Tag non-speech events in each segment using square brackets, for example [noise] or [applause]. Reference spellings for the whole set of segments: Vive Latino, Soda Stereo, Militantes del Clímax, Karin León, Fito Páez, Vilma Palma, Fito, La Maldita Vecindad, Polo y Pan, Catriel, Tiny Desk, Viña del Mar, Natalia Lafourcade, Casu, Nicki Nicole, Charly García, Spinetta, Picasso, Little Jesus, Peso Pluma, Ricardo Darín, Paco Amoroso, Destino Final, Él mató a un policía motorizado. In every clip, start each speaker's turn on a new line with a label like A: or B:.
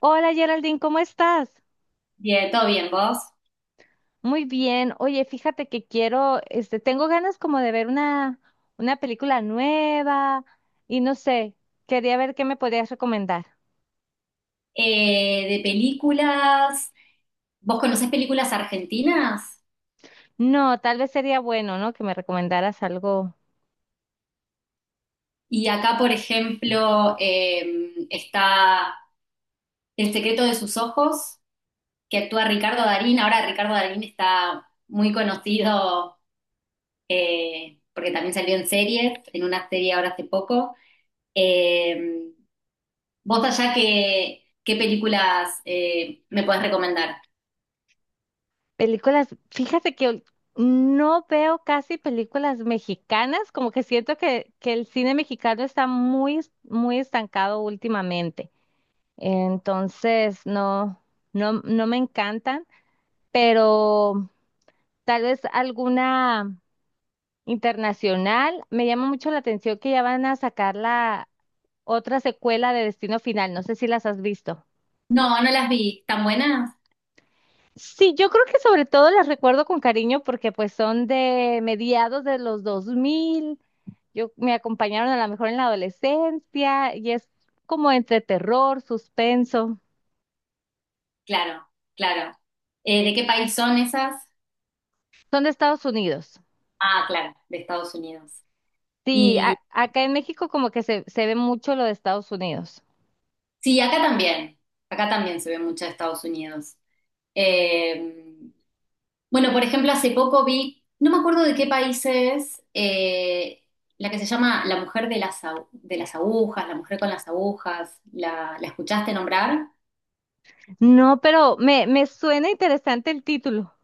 A: Hola Geraldine, ¿cómo estás?
B: Bien, todo bien, vos.
A: Muy bien. Oye, fíjate que tengo ganas como de ver una película nueva y no sé, quería ver qué me podrías recomendar.
B: De películas, ¿vos conocés películas argentinas?
A: No, tal vez sería bueno, ¿no? Que me recomendaras algo.
B: Y acá, por ejemplo, está El secreto de sus ojos, que actúa Ricardo Darín. Ahora Ricardo Darín está muy conocido porque también salió en series, en una serie ahora hace poco. Eh, Vos allá, qué películas me podés recomendar?
A: Películas, fíjate que no veo casi películas mexicanas, como que siento que el cine mexicano está muy estancado últimamente. Entonces, no me encantan, pero... Tal vez alguna internacional. Me llama mucho la atención que ya van a sacar la otra secuela de Destino Final. No sé si las has visto.
B: No, no las vi. ¿Tan buenas?
A: Sí, yo creo que sobre todo las recuerdo con cariño porque pues son de mediados de los 2000. Yo me acompañaron a lo mejor en la adolescencia y es como entre terror, suspenso.
B: Claro, claro. ¿De qué país son esas?
A: Son de Estados Unidos.
B: Ah, claro, de Estados Unidos.
A: Sí,
B: Y
A: acá en México como que se ve mucho lo de Estados Unidos.
B: sí, acá también se ve mucho de Estados Unidos. Eh, bueno, por ejemplo, hace poco vi, no me acuerdo de qué país es, la que se llama La mujer de de las agujas, la mujer con las agujas, ¿ la escuchaste nombrar?
A: No, pero me suena interesante el título.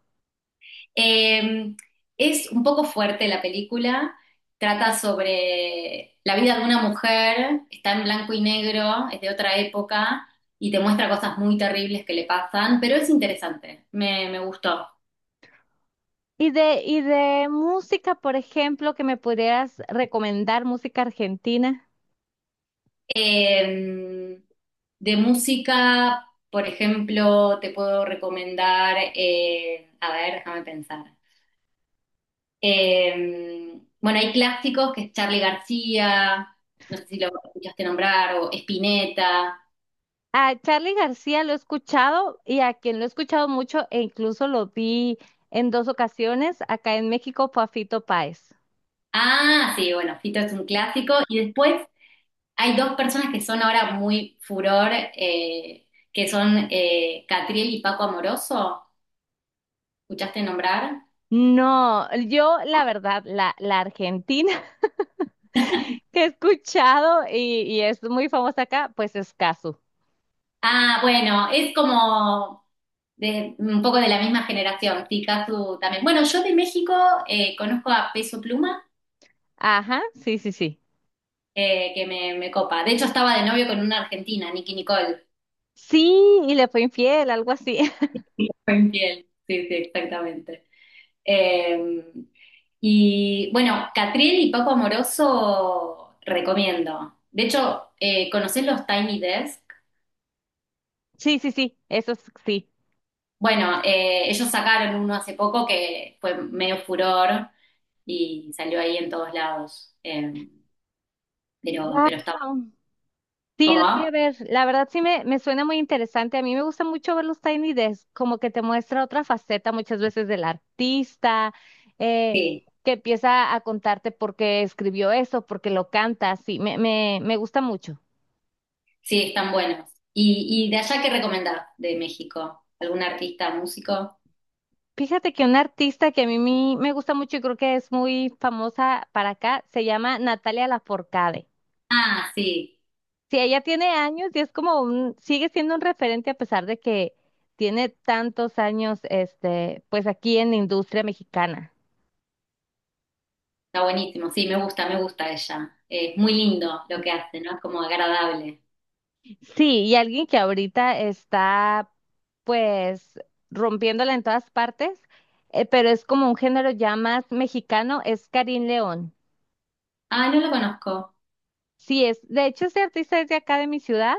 B: Eh, es un poco fuerte la película, trata sobre la vida de una mujer, está en blanco y negro, es de otra época y te muestra cosas muy terribles que le pasan, pero es interesante, me gustó.
A: Y de música, por ejemplo, que me pudieras recomendar música argentina.
B: Eh, de música, por ejemplo, te puedo recomendar, a ver, déjame pensar. Bueno, hay clásicos que es Charly García, no sé si lo escuchaste nombrar, o Spinetta.
A: A Charly García lo he escuchado y a quien lo he escuchado mucho e incluso lo vi en 2 ocasiones acá en México fue a Fito Páez.
B: Ah, sí, bueno, Fito es un clásico. Y después hay dos personas que son ahora muy furor, eh, que son Catriel y Paco Amoroso. ¿Escuchaste nombrar?
A: No, yo la verdad, la argentina [laughs] que he escuchado y es muy famosa acá, pues es Casu.
B: Ah, bueno, es como de, un poco de la misma generación, Picasso también. Bueno, yo de México conozco a Peso Pluma,
A: Ajá, sí, sí, sí.
B: que me copa. De hecho, estaba de novio con una argentina, Nicki Nicole.
A: Sí, y le fue infiel, algo así. [laughs]
B: [laughs] Fue infiel. Sí, sí, exactamente. Eh, y bueno, Catriel y Paco Amoroso recomiendo. De hecho, ¿conocés los Tiny Desk?
A: Sí, sí, sí, sí.
B: Bueno, ellos sacaron uno hace poco que fue medio furor y salió ahí en todos lados. Pero,
A: Wow.
B: pero está bueno.
A: Sí, los voy
B: ¿Cómo?
A: a ver. La verdad sí me suena muy interesante. A mí me gusta mucho ver los Tiny Desk, como que te muestra otra faceta muchas veces del artista, eh,
B: Sí,
A: que empieza a contarte por qué escribió eso, por qué lo canta. Sí, me gusta mucho.
B: sí, están buenos. Y de allá qué recomendás de México? ¿Algún artista, músico?
A: Fíjate que una artista que a mí me gusta mucho y creo que es muy famosa para acá se llama Natalia Lafourcade.
B: Ah, sí,
A: Sí, ella tiene años y es como sigue siendo un referente a pesar de que tiene tantos años, este, pues aquí en la industria mexicana.
B: está buenísimo. Sí, me gusta ella. Es muy lindo lo que hace, ¿no? Es como agradable.
A: Sí, y alguien que ahorita está pues rompiéndola en todas partes, pero es como un género ya más mexicano, es Karin León.
B: Ah, no lo conozco.
A: Sí, es, de hecho este artista es de acá de mi ciudad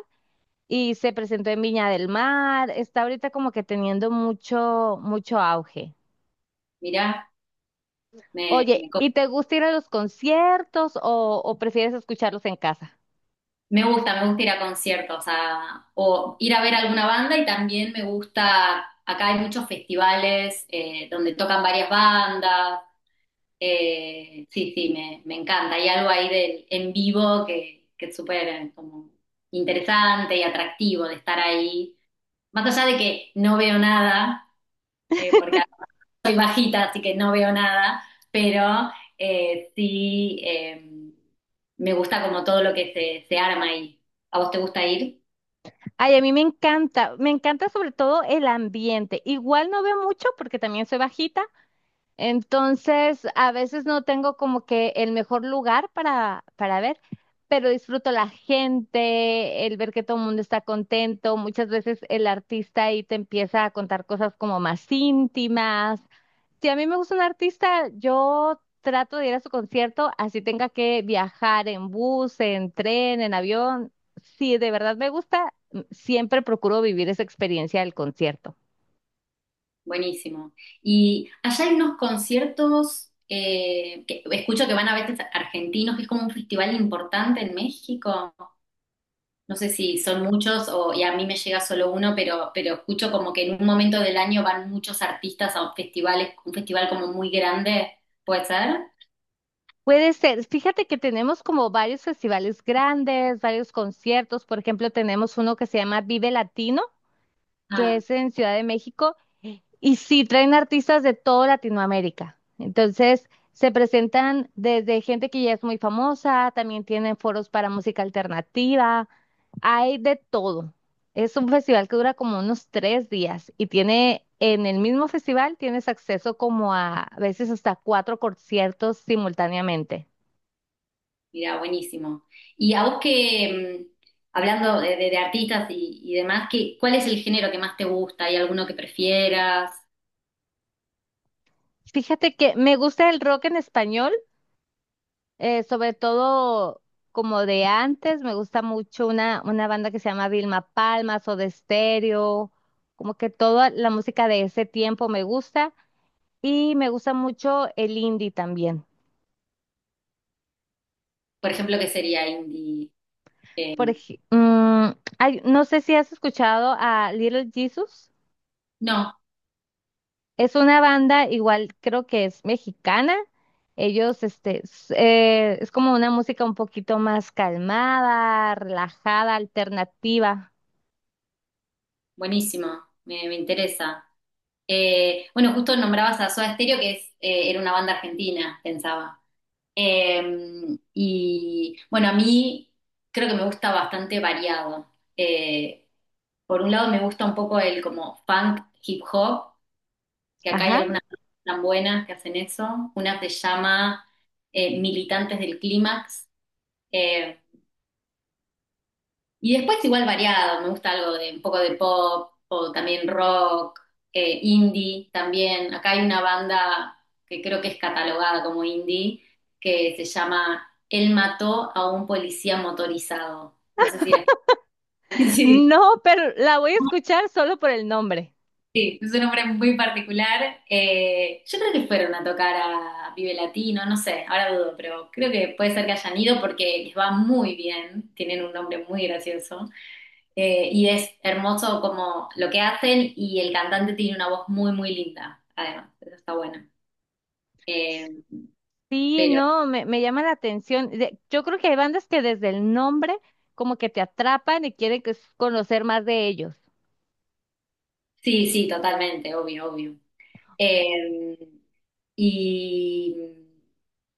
A: y se presentó en Viña del Mar, está ahorita como que teniendo mucho auge.
B: Mirá, me,
A: Oye,
B: me, co-
A: ¿y te gusta ir a los conciertos o prefieres escucharlos en casa?
B: me gusta ir a conciertos, o ir a ver alguna banda y también me gusta, acá hay muchos festivales donde tocan varias bandas. Sí, sí, me encanta. Hay algo ahí del en vivo que es súper como interesante y atractivo de estar ahí. Más allá de que no veo nada, porque
A: [laughs]
B: soy bajita, así que no veo nada, pero eh, sí eh, me gusta como todo lo que se arma ahí. ¿A vos te gusta ir?
A: Ay, a mí me encanta sobre todo el ambiente. Igual no veo mucho porque también soy bajita. Entonces, a veces no tengo como que el mejor lugar para ver, pero disfruto la gente, el ver que todo el mundo está contento. Muchas veces el artista ahí te empieza a contar cosas como más íntimas. Si a mí me gusta un artista, yo trato de ir a su concierto, así tenga que viajar en bus, en tren, en avión. Si de verdad me gusta, siempre procuro vivir esa experiencia del concierto.
B: Buenísimo. Y allá hay unos conciertos que escucho que van a veces argentinos, que es como un festival importante en México. No sé si son muchos o y a mí me llega solo uno, pero escucho como que en un momento del año van muchos artistas a festivales, un festival como muy grande, ¿puede ser?
A: Puede ser. Fíjate que tenemos como varios festivales grandes, varios conciertos. Por ejemplo, tenemos uno que se llama Vive Latino, que
B: Ah.
A: es en Ciudad de México. Y sí, traen artistas de toda Latinoamérica. Entonces, se presentan desde gente que ya es muy famosa, también tienen foros para música alternativa, hay de todo. Es un festival que dura como unos 3 días y tiene, en el mismo festival tienes acceso como a veces hasta 4 conciertos simultáneamente.
B: Mira, buenísimo. Y a vos que, hablando de, de artistas y demás, ¿qué, cuál es el género que más te gusta? ¿Hay alguno que prefieras?
A: Fíjate que me gusta el rock en español. Sobre todo como de antes, me gusta mucho una banda que se llama Vilma Palma, Soda Stereo, como que toda la música de ese tiempo me gusta y me gusta mucho el indie también.
B: Por ejemplo, ¿qué sería indie? Eh,
A: Por ej- mm, hay- No sé si has escuchado a Little Jesus,
B: no,
A: es una banda igual creo que es mexicana. Es como una música un poquito más calmada, relajada, alternativa.
B: buenísimo, me interesa. Bueno, justo nombrabas a Soda Stereo, que es, era una banda argentina, pensaba. Eh, y bueno, a mí creo que me gusta bastante variado. Por un lado me gusta un poco el como funk, hip hop, que acá hay
A: Ajá.
B: algunas tan buenas que hacen eso. Una se llama Militantes del Clímax, eh, y después igual variado, me gusta algo de un poco de pop o también rock, indie también. Acá hay una banda que creo que es catalogada como indie que se llama Él mató a un policía motorizado. No sé si la... [laughs] Sí,
A: No, pero la voy a escuchar solo por el nombre.
B: sí, es un hombre muy particular. Yo creo que fueron a tocar a Vive Latino, no sé, ahora dudo, pero creo que puede ser que hayan ido porque les va muy bien, tienen un nombre muy gracioso. Y es hermoso como lo que hacen y el cantante tiene una voz muy, muy linda, además, eso está bueno. Eh,
A: Sí, no, me llama la atención. Yo creo que hay bandas que desde el nombre como que te atrapan y conocer más de ellos.
B: sí, sí, totalmente, obvio, obvio. Eh, y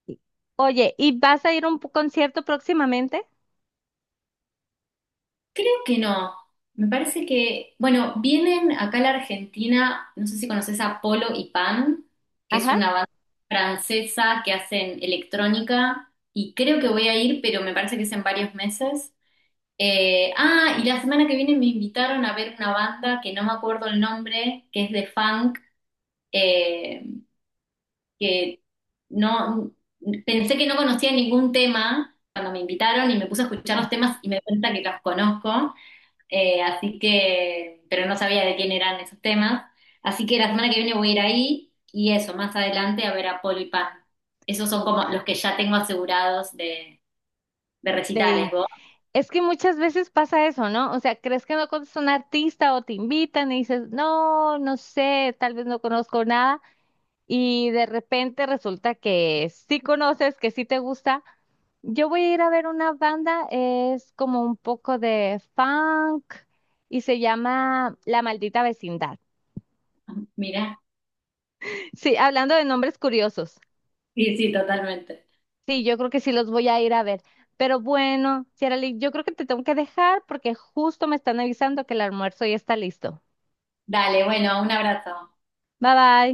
A: Sí. Oye, ¿y vas a ir a un concierto próximamente?
B: Creo que no. Me parece que, bueno, vienen acá a la Argentina, no sé si conoces a Polo y Pan, que es
A: Ajá.
B: una banda francesa que hacen electrónica, y creo que voy a ir, pero me parece que es en varios meses. Ah, y la semana que viene me invitaron a ver una banda que no me acuerdo el nombre, que es de funk, eh, que no pensé que no conocía ningún tema cuando me invitaron y me puse a escuchar los temas y me di cuenta que los conozco. Así que, pero no sabía de quién eran esos temas. Así que la semana que viene voy a ir ahí y eso, más adelante a ver a Polo y Pan. Esos son como los que ya tengo asegurados de recitales,
A: De,
B: vos.
A: es que muchas veces pasa eso, ¿no? O sea, crees que no conoces a un artista o te invitan y dices, no, no sé, tal vez no conozco nada. Y de repente resulta que sí conoces, que sí te gusta. Yo voy a ir a ver una banda, es como un poco de funk y se llama La Maldita Vecindad.
B: [laughs] Mira,
A: Sí, hablando de nombres curiosos.
B: sí, sí, totalmente.
A: Sí, yo creo que sí los voy a ir a ver. Pero bueno, Ciarali, yo creo que te tengo que dejar porque justo me están avisando que el almuerzo ya está listo.
B: Dale, bueno, un abrazo.
A: Bye bye.